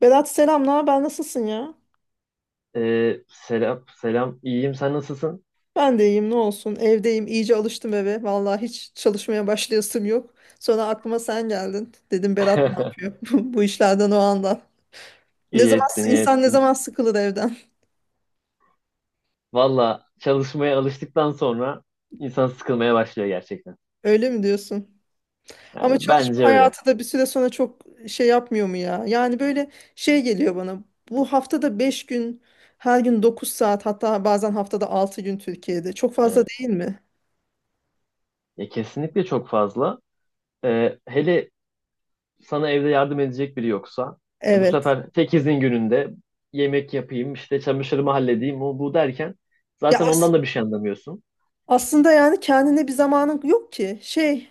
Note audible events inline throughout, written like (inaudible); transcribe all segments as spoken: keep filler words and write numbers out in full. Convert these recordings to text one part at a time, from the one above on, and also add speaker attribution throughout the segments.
Speaker 1: Berat, selam. Ne haber? Nasılsın ya?
Speaker 2: Ee, selam, selam. İyiyim, sen nasılsın?
Speaker 1: Ben de iyiyim, ne olsun. Evdeyim, iyice alıştım eve. Vallahi hiç çalışmaya başlayasım yok. Sonra aklıma sen geldin. Dedim Berat ne
Speaker 2: (laughs)
Speaker 1: yapıyor (laughs) bu bu işlerden o anda. Ne
Speaker 2: İyi
Speaker 1: zaman
Speaker 2: ettin, iyi
Speaker 1: insan ne
Speaker 2: ettin.
Speaker 1: zaman sıkılır evden?
Speaker 2: Valla çalışmaya alıştıktan sonra insan sıkılmaya başlıyor gerçekten.
Speaker 1: (laughs) Öyle mi diyorsun?
Speaker 2: Yani
Speaker 1: Ama çalışma
Speaker 2: bence öyle.
Speaker 1: hayatı da bir süre sonra çok şey yapmıyor mu ya? Yani böyle şey geliyor bana. Bu haftada beş gün, her gün dokuz saat, hatta bazen haftada altı gün Türkiye'de. Çok fazla
Speaker 2: Evet.
Speaker 1: değil mi?
Speaker 2: Ya kesinlikle çok fazla. Ee, hele sana evde yardım edecek biri yoksa, e, bu
Speaker 1: Evet.
Speaker 2: sefer tek izin gününde yemek yapayım, işte çamaşırımı halledeyim, o bu derken
Speaker 1: Ya
Speaker 2: zaten
Speaker 1: as-
Speaker 2: ondan da bir şey anlamıyorsun.
Speaker 1: aslında yani kendine bir zamanın yok ki. Şey,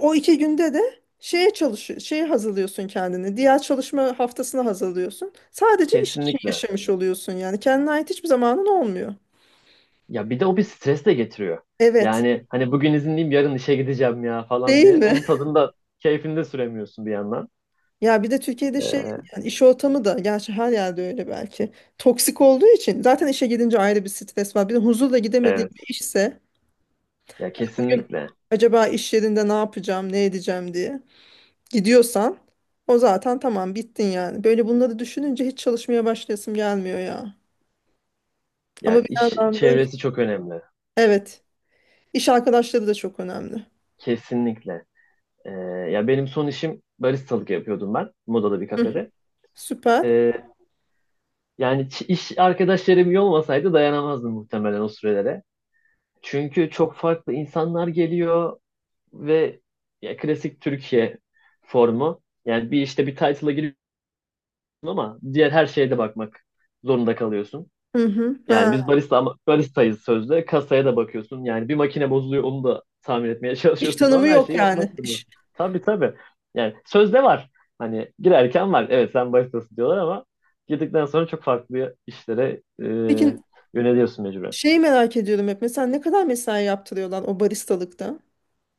Speaker 1: o iki günde de şeye çalışıyor, şeye hazırlıyorsun kendini. Diğer çalışma haftasını hazırlıyorsun. Sadece iş için
Speaker 2: Kesinlikle.
Speaker 1: yaşamış oluyorsun yani. Kendine ait hiçbir zamanın olmuyor.
Speaker 2: Ya bir de o bir stres de getiriyor.
Speaker 1: Evet.
Speaker 2: Yani hani bugün izinliyim yarın işe gideceğim ya falan
Speaker 1: Değil
Speaker 2: diye.
Speaker 1: mi?
Speaker 2: Onun
Speaker 1: (laughs)
Speaker 2: tadında keyfinde süremiyorsun bir yandan.
Speaker 1: Ya bir de Türkiye'de şey,
Speaker 2: Ee,
Speaker 1: yani iş ortamı da gerçi her yerde öyle belki. Toksik olduğu için zaten işe gidince ayrı bir stres var. Bir de huzurla gidemediğin
Speaker 2: evet
Speaker 1: bir işse
Speaker 2: ya
Speaker 1: gün
Speaker 2: kesinlikle.
Speaker 1: acaba iş yerinde ne yapacağım, ne edeceğim diye gidiyorsan o zaten tamam, bittin yani. Böyle bunları düşününce hiç çalışmaya başlayasım gelmiyor ya. Ama
Speaker 2: Ya
Speaker 1: bir
Speaker 2: iş
Speaker 1: yandan da işte-
Speaker 2: çevresi çok önemli.
Speaker 1: evet, iş arkadaşları da çok önemli.
Speaker 2: Kesinlikle. Ee, ya benim son işim baristalık yapıyordum ben. Moda'da bir
Speaker 1: Hı,
Speaker 2: kafede.
Speaker 1: süper.
Speaker 2: Ee, yani ç- iş arkadaşlarım iyi olmasaydı dayanamazdım muhtemelen o sürelere. Çünkü çok farklı insanlar geliyor ve ya klasik Türkiye formu. Yani bir işte bir title'a giriyor ama diğer her şeye de bakmak zorunda kalıyorsun.
Speaker 1: Hı hı.
Speaker 2: Yani
Speaker 1: Ha,
Speaker 2: biz barista ama baristayız sözde. Kasaya da bakıyorsun. Yani bir makine bozuluyor onu da tamir etmeye (laughs)
Speaker 1: iş
Speaker 2: çalışıyorsun falan.
Speaker 1: tanımı
Speaker 2: Her
Speaker 1: yok
Speaker 2: şeyi yapmak
Speaker 1: yani. İş.
Speaker 2: zorundasın. Tabii tabii. Yani sözde var. Hani girerken var. Evet sen baristasın diyorlar ama girdikten sonra çok farklı işlere e,
Speaker 1: Peki,
Speaker 2: yöneliyorsun mecburen.
Speaker 1: şeyi merak ediyorum hep. Mesela ne kadar mesai yaptırıyorlar o baristalıkta?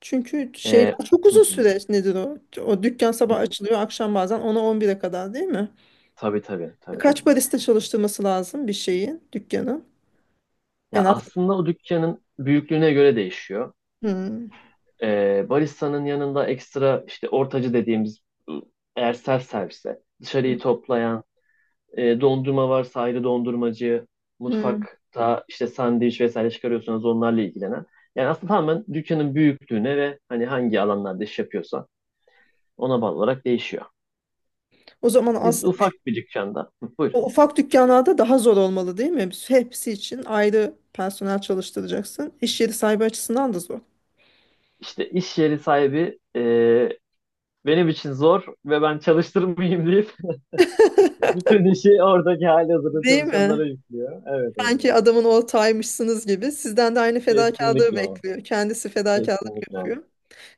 Speaker 1: Çünkü şeyler
Speaker 2: E,
Speaker 1: çok uzun
Speaker 2: (laughs)
Speaker 1: süreç, nedir o? O dükkan sabah açılıyor, akşam bazen ona on 11'e kadar, değil mi?
Speaker 2: Tabii tabii tabii.
Speaker 1: Kaç barista çalıştırması lazım bir şeyin, dükkanın? En
Speaker 2: Ya
Speaker 1: az.
Speaker 2: aslında o dükkanın büyüklüğüne göre değişiyor.
Speaker 1: Hmm,
Speaker 2: Ee, barista'nın yanında ekstra işte ortacı dediğimiz ıı, eğer self servise dışarıyı toplayan e, dondurma varsa ayrı dondurmacı
Speaker 1: hmm.
Speaker 2: mutfakta işte sandviç vesaire çıkarıyorsanız onlarla ilgilenen yani aslında tamamen dükkanın büyüklüğüne ve hani hangi alanlarda iş yapıyorsa ona bağlı olarak değişiyor.
Speaker 1: O zaman
Speaker 2: Biz
Speaker 1: aslında kü-
Speaker 2: ufak bir dükkanda. Hı, buyur.
Speaker 1: o ufak dükkanlarda daha zor olmalı değil mi? Hepsi için ayrı personel çalıştıracaksın. İş yeri sahibi açısından da zor.
Speaker 2: İşte iş yeri sahibi e, benim için zor ve ben çalıştırmayayım deyip (laughs) bütün işi oradaki halihazırda
Speaker 1: Değil
Speaker 2: çalışanlara
Speaker 1: mi?
Speaker 2: yüklüyor. Evet, evet,
Speaker 1: Sanki adamın ortağıymışsınız gibi. Sizden de aynı fedakarlığı
Speaker 2: kesinlikle.
Speaker 1: bekliyor. Kendisi fedakarlık
Speaker 2: Kesinlikle. Hı
Speaker 1: yapıyor.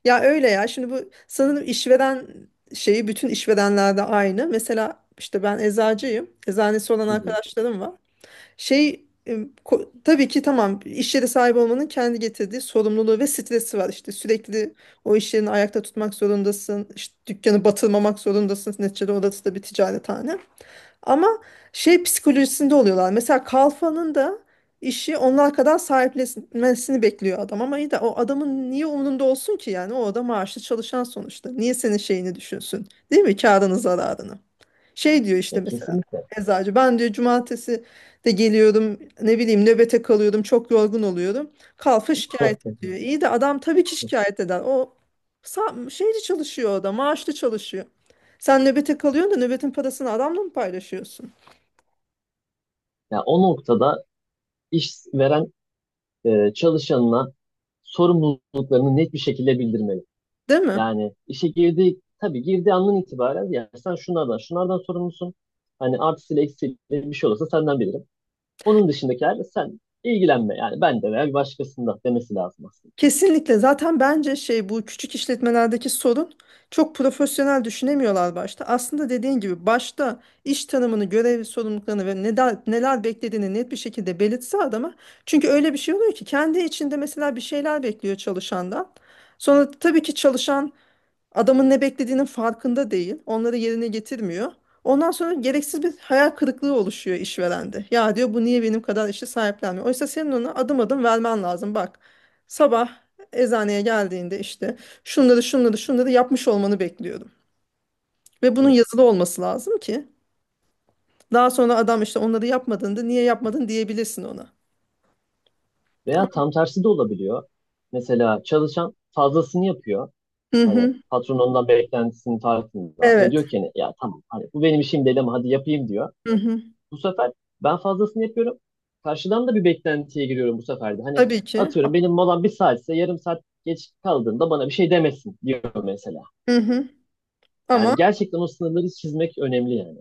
Speaker 1: Ya öyle ya. Şimdi bu sanırım işveren şeyi bütün işverenlerde aynı. Mesela işte ben eczacıyım. Eczanesi olan
Speaker 2: hı.
Speaker 1: arkadaşlarım var. Şey e, ko- tabii ki tamam, iş yeri sahibi olmanın kendi getirdiği sorumluluğu ve stresi var. İşte sürekli o iş yerini ayakta tutmak zorundasın. İşte dükkanı batırmamak zorundasın. Neticede orası da bir ticarethane. Ama şey psikolojisinde oluyorlar. Mesela Kalfa'nın da işi onlar kadar sahiplenmesini bekliyor adam. Ama iyi de o adamın niye umurunda olsun ki yani? O adam maaşlı çalışan sonuçta. Niye senin şeyini düşünsün? Değil mi? Kârını, zararını. Şey diyor işte,
Speaker 2: Ya
Speaker 1: mesela
Speaker 2: kesinlikle.
Speaker 1: eczacı ben diyor, cumartesi de geliyorum, ne bileyim nöbete kalıyorum, çok yorgun oluyorum. Kalfa şikayet ediyor.
Speaker 2: (laughs)
Speaker 1: İyi de adam tabii ki şikayet eder. O sa- şeyli çalışıyor, o da maaşlı çalışıyor. Sen nöbete kalıyorsun da nöbetin parasını adamla mı paylaşıyorsun?
Speaker 2: Ya o noktada işveren e, çalışanına sorumluluklarını net bir şekilde bildirmeli.
Speaker 1: Değil mi?
Speaker 2: Yani işe girdiği tabii girdiği andan itibaren ya sen şunlardan şunlardan sorumlusun. Hani artısıyla eksiğiyle bir şey olursa senden bilirim. Onun dışındakilerle sen ilgilenme. Yani ben de veya bir başkasında demesi lazım aslında.
Speaker 1: Kesinlikle. Zaten bence şey, bu küçük işletmelerdeki sorun çok profesyonel düşünemiyorlar başta. Aslında dediğin gibi başta iş tanımını, görev sorumluluklarını ve neler, neler beklediğini net bir şekilde belirtse adama. Çünkü öyle bir şey oluyor ki kendi içinde mesela bir şeyler bekliyor çalışandan. Sonra tabii ki çalışan adamın ne beklediğinin farkında değil. Onları yerine getirmiyor. Ondan sonra gereksiz bir hayal kırıklığı oluşuyor işverende. Ya diyor, bu niye benim kadar işi sahiplenmiyor? Oysa senin ona adım adım vermen lazım. Bak, sabah eczaneye geldiğinde işte şunları şunları şunları yapmış olmanı bekliyorum. Ve bunun
Speaker 2: Evet.
Speaker 1: yazılı olması lazım ki daha sonra adam işte onları yapmadığında niye yapmadın diyebilirsin ona.
Speaker 2: Veya tam tersi de olabiliyor. Mesela çalışan fazlasını yapıyor.
Speaker 1: Hı
Speaker 2: Hani
Speaker 1: hı.
Speaker 2: patron ondan beklentisinin tartında ve
Speaker 1: Evet.
Speaker 2: diyor ki hani ya tamam hani bu benim işim değil ama hadi yapayım diyor.
Speaker 1: Hı hı.
Speaker 2: Bu sefer ben fazlasını yapıyorum. Karşıdan da bir beklentiye giriyorum bu sefer de. Hani
Speaker 1: Tabii ki.
Speaker 2: atıyorum benim molam bir saatse yarım saat geç kaldığında bana bir şey demesin diyor mesela.
Speaker 1: Hı hı.
Speaker 2: Yani
Speaker 1: Ama
Speaker 2: gerçekten o sınırları çizmek önemli yani.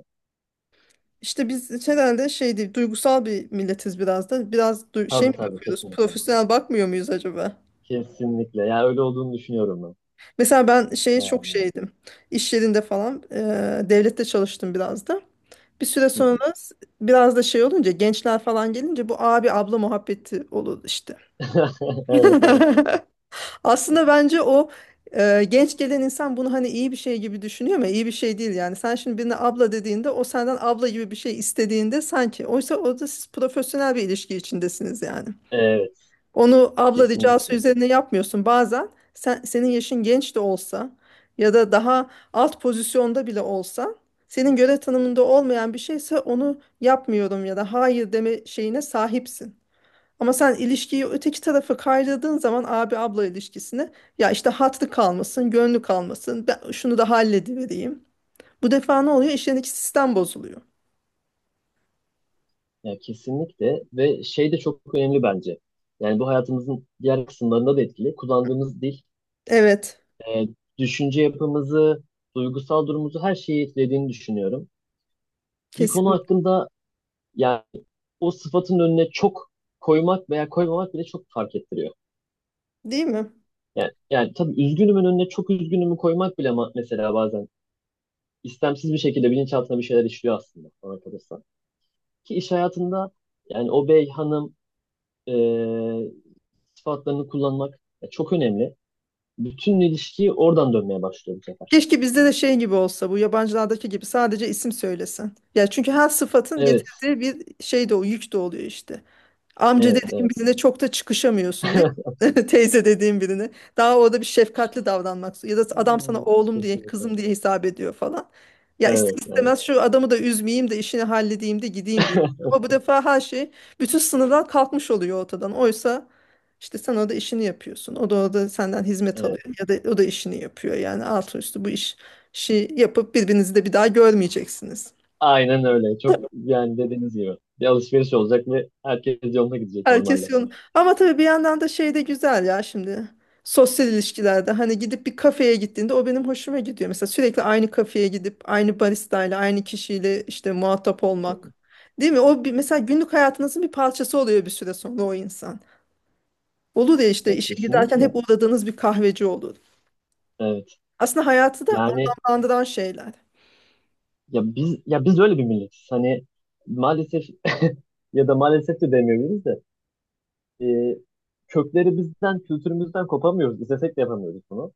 Speaker 1: İşte biz herhalde şey değil, duygusal bir milletiz biraz da. Biraz du- şey
Speaker 2: Tabii.
Speaker 1: mi
Speaker 2: Hmm. Tabii
Speaker 1: bakıyoruz,
Speaker 2: kesinlikle.
Speaker 1: profesyonel bakmıyor muyuz acaba?
Speaker 2: Kesinlikle. Ya öyle olduğunu düşünüyorum ben.
Speaker 1: Mesela ben şeye çok
Speaker 2: Ee,
Speaker 1: şeydim. İş yerinde falan, e, devlette çalıştım biraz da. Bir süre sonra biraz da şey olunca, gençler falan gelince bu abi abla muhabbeti olur işte.
Speaker 2: (laughs) Evet,
Speaker 1: (laughs)
Speaker 2: evet.
Speaker 1: Aslında bence o e, genç gelen insan bunu hani iyi bir şey gibi düşünüyor ama iyi bir şey değil yani. Sen şimdi birine abla dediğinde o senden abla gibi bir şey istediğinde sanki. Oysa orada siz profesyonel bir ilişki içindesiniz yani.
Speaker 2: Evet.
Speaker 1: Onu abla ricası
Speaker 2: Kesinlikle.
Speaker 1: üzerine yapmıyorsun. Bazen sen, senin yaşın genç de olsa ya da daha alt pozisyonda bile olsa senin görev tanımında olmayan bir şeyse onu yapmıyorum ya da hayır deme şeyine sahipsin. Ama sen ilişkiyi öteki tarafa kaydırdığın zaman abi abla ilişkisini, ya işte hatlı kalmasın, gönlü kalmasın, ben şunu da halledivereyim. Bu defa ne oluyor? İşlerindeki sistem bozuluyor.
Speaker 2: Ya kesinlikle ve şey de çok önemli bence. Yani bu hayatımızın diğer kısımlarında da etkili. Kullandığımız dil,
Speaker 1: Evet,
Speaker 2: e, düşünce yapımızı, duygusal durumumuzu her şeyi etkilediğini düşünüyorum. Bir konu
Speaker 1: kesinlikle.
Speaker 2: hakkında yani o sıfatın önüne çok koymak veya koymamak bile çok fark ettiriyor.
Speaker 1: Değil mi?
Speaker 2: Yani, yani tabii üzgünümün önüne çok üzgünümü koymak bile ma- mesela bazen istemsiz bir şekilde bilinçaltına bir şeyler işliyor aslında bana kalırsa. Ki iş hayatında yani o bey, hanım, e, sıfatlarını kullanmak e, çok önemli. Bütün ilişkiyi oradan dönmeye başlıyor bu sefer.
Speaker 1: Keşke bizde de şey gibi olsa, bu yabancılardaki gibi sadece isim söylesen. Ya çünkü her sıfatın
Speaker 2: Evet,
Speaker 1: getirdiği bir şey de o yük de oluyor işte. Amca
Speaker 2: evet,
Speaker 1: dediğin
Speaker 2: evet.
Speaker 1: birine çok da çıkışamıyorsun, değil
Speaker 2: (laughs)
Speaker 1: mi? (laughs) Teyze dediğin birine. Daha orada bir şefkatli davranmak. Ya da adam sana
Speaker 2: Hmm.
Speaker 1: oğlum diye,
Speaker 2: Kesinlikle.
Speaker 1: kızım diye hesap ediyor falan. Ya ister
Speaker 2: Evet, evet,
Speaker 1: istemez şu adamı da üzmeyeyim de işini halledeyim de gideyim diyor.
Speaker 2: (laughs)
Speaker 1: Ama bu defa her şey, bütün sınırlar kalkmış oluyor ortadan. Oysa işte sen orada işini yapıyorsun. O da orada senden hizmet
Speaker 2: evet.
Speaker 1: alıyor. Ya da o da işini yapıyor. Yani altı üstü bu iş, işi yapıp birbirinizi de bir daha görmeyeceksiniz.
Speaker 2: Aynen öyle. Çok yani dediğiniz gibi. Bir alışveriş olacak ve herkes yoluna gidecek normalde.
Speaker 1: Herkes yolunu. Ama tabii bir yandan da şey de güzel ya şimdi. Sosyal ilişkilerde hani gidip bir kafeye gittiğinde o benim hoşuma gidiyor. Mesela sürekli aynı kafeye gidip aynı baristayla aynı kişiyle işte muhatap
Speaker 2: Hı.
Speaker 1: olmak. Değil mi? O bir, mesela günlük hayatınızın bir parçası oluyor bir süre sonra o insan. Olur ya işte
Speaker 2: Ya
Speaker 1: işe giderken hep
Speaker 2: kesinlikle.
Speaker 1: uğradığınız bir kahveci olur.
Speaker 2: Evet.
Speaker 1: Aslında hayatı da
Speaker 2: Yani
Speaker 1: anlamlandıran şeyler.
Speaker 2: ya biz ya biz öyle bir milletiz. Hani maalesef (laughs) ya da maalesef de demeyebiliriz de e, kökleri bizden, kültürümüzden kopamıyoruz. İstesek de yapamıyoruz bunu.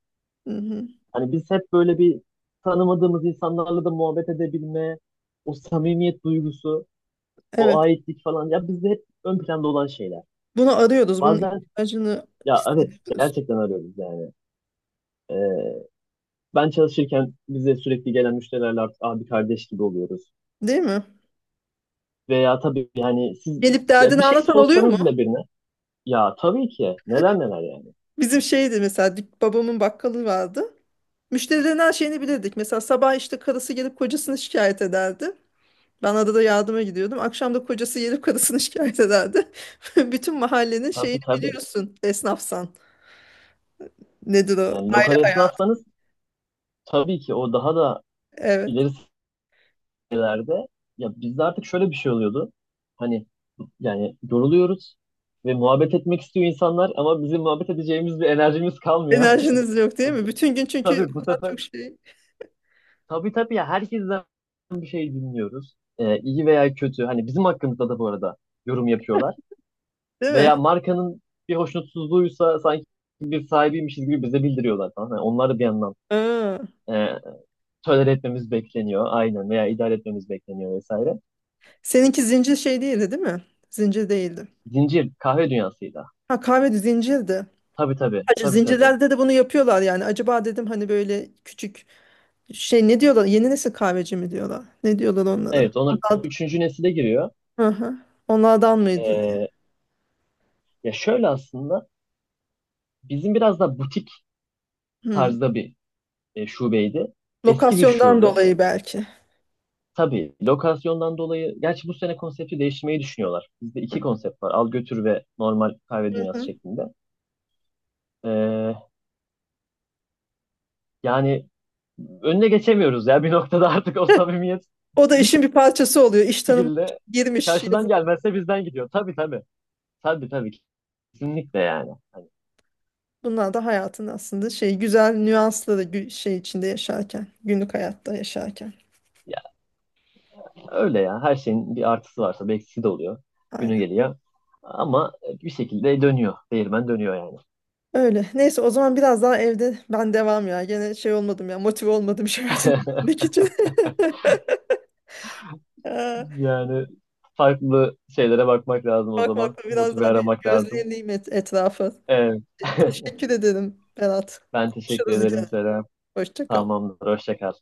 Speaker 1: Hı-hı.
Speaker 2: Hani biz hep böyle bir tanımadığımız insanlarla da muhabbet edebilme, o samimiyet duygusu, o
Speaker 1: Evet.
Speaker 2: aitlik falan. Ya bizde hep ön planda olan şeyler.
Speaker 1: Bunu arıyoruz. Bunun
Speaker 2: Bazen
Speaker 1: ihtiyacını
Speaker 2: ya evet
Speaker 1: hissediyoruz.
Speaker 2: gerçekten arıyoruz yani. Ee, ben çalışırken bize sürekli gelen müşterilerle artık abi kardeş gibi oluyoruz.
Speaker 1: Değil mi?
Speaker 2: Veya tabii yani siz
Speaker 1: Gelip
Speaker 2: ya bir
Speaker 1: derdini
Speaker 2: şey
Speaker 1: anlatan oluyor mu?
Speaker 2: sorsanız bile birine ya tabii ki neler neler yani.
Speaker 1: Bizim şeydi mesela dük- babamın bakkalı vardı. Müşterilerin her şeyini bilirdik. Mesela sabah işte karısı gelip kocasını şikayet ederdi. Ben adada yardıma gidiyordum. Akşam da kocası gelip karısını (laughs) şikayet ederdi. (laughs) Bütün mahallenin şeyini
Speaker 2: Tabii tabii.
Speaker 1: biliyorsun esnafsan. Nedir o?
Speaker 2: Yani
Speaker 1: Aile
Speaker 2: lokal
Speaker 1: hayatı.
Speaker 2: esnafsanız tabii ki o daha da
Speaker 1: Evet.
Speaker 2: ileri ülkelerde ya bizde artık şöyle bir şey oluyordu. Hani yani yoruluyoruz ve muhabbet etmek istiyor insanlar ama bizim muhabbet edeceğimiz bir enerjimiz kalmıyor.
Speaker 1: Enerjiniz yok değil mi? Bütün gün
Speaker 2: (laughs)
Speaker 1: çünkü
Speaker 2: Tabii bu
Speaker 1: o kadar
Speaker 2: sefer
Speaker 1: çok şey.
Speaker 2: tabii tabii ya herkesten bir şey dinliyoruz. Ee, iyi veya kötü. Hani bizim hakkımızda da bu arada yorum yapıyorlar.
Speaker 1: Değil mi?
Speaker 2: Veya markanın bir hoşnutsuzluğuysa sanki bir sahibiymişiz gibi bize bildiriyorlar falan. Yani onlar da bir yandan
Speaker 1: Aa.
Speaker 2: e, tolere etmemiz bekleniyor. Aynen veya idare etmemiz bekleniyor vesaire.
Speaker 1: Seninki zincir şey değildi değil mi? Zincir değildi.
Speaker 2: Zincir kahve dünyasıydı.
Speaker 1: Ha, kahve zincirdi.
Speaker 2: Tabii tabii.
Speaker 1: Acı
Speaker 2: Tabii tabii.
Speaker 1: zincirlerde de bunu yapıyorlar yani. Acaba dedim hani böyle küçük şey, ne diyorlar? Yeni nesil kahveci mi diyorlar? Ne diyorlar onlara?
Speaker 2: Evet onlar
Speaker 1: Onlardan,
Speaker 2: üçüncü nesile giriyor.
Speaker 1: hı hı. Onlardan mıydı? Diye.
Speaker 2: Ee, ya şöyle aslında bizim biraz da butik
Speaker 1: Hı.
Speaker 2: tarzda bir e, şubeydi. Eski bir
Speaker 1: Lokasyondan
Speaker 2: şube.
Speaker 1: dolayı belki.
Speaker 2: Tabii lokasyondan dolayı gerçi bu sene konsepti değiştirmeyi düşünüyorlar. Bizde iki konsept var. Al götür ve normal kahve
Speaker 1: Hı
Speaker 2: dünyası
Speaker 1: hı.
Speaker 2: şeklinde. Ee, yani önüne geçemiyoruz ya (laughs) bir noktada artık o samimiyet
Speaker 1: O da
Speaker 2: bir
Speaker 1: işin bir parçası oluyor. İş tanımı
Speaker 2: şekilde
Speaker 1: girmiş.
Speaker 2: karşıdan
Speaker 1: yazı-
Speaker 2: gelmezse bizden gidiyor. Tabii tabii. Tabii tabii. Kesinlikle yani. Hani
Speaker 1: Bunlar da hayatın aslında şey güzel nüansları, gü- şey içinde yaşarken, günlük hayatta yaşarken.
Speaker 2: öyle ya. Her şeyin bir artısı varsa bir eksisi de oluyor. Günü
Speaker 1: Aynen.
Speaker 2: geliyor. Ama bir şekilde dönüyor. Değirmen dönüyor yani.
Speaker 1: Öyle. Neyse, o zaman biraz daha evde ben devam ya. Gene şey olmadım ya. Motive olmadım (laughs) şey hayatını
Speaker 2: (laughs)
Speaker 1: için. (laughs) Ee,
Speaker 2: Yani farklı şeylere bakmak lazım o zaman.
Speaker 1: Bakmakla biraz
Speaker 2: Motive
Speaker 1: daha bir
Speaker 2: aramak lazım.
Speaker 1: gözleyeyim et, etrafı.
Speaker 2: Evet. (laughs)
Speaker 1: Teşekkür ederim, Berat.
Speaker 2: Ben teşekkür
Speaker 1: Konuşuruz
Speaker 2: ederim
Speaker 1: gene.
Speaker 2: Serap.
Speaker 1: Hoşça kal.
Speaker 2: Tamamdır. Hoşça kal.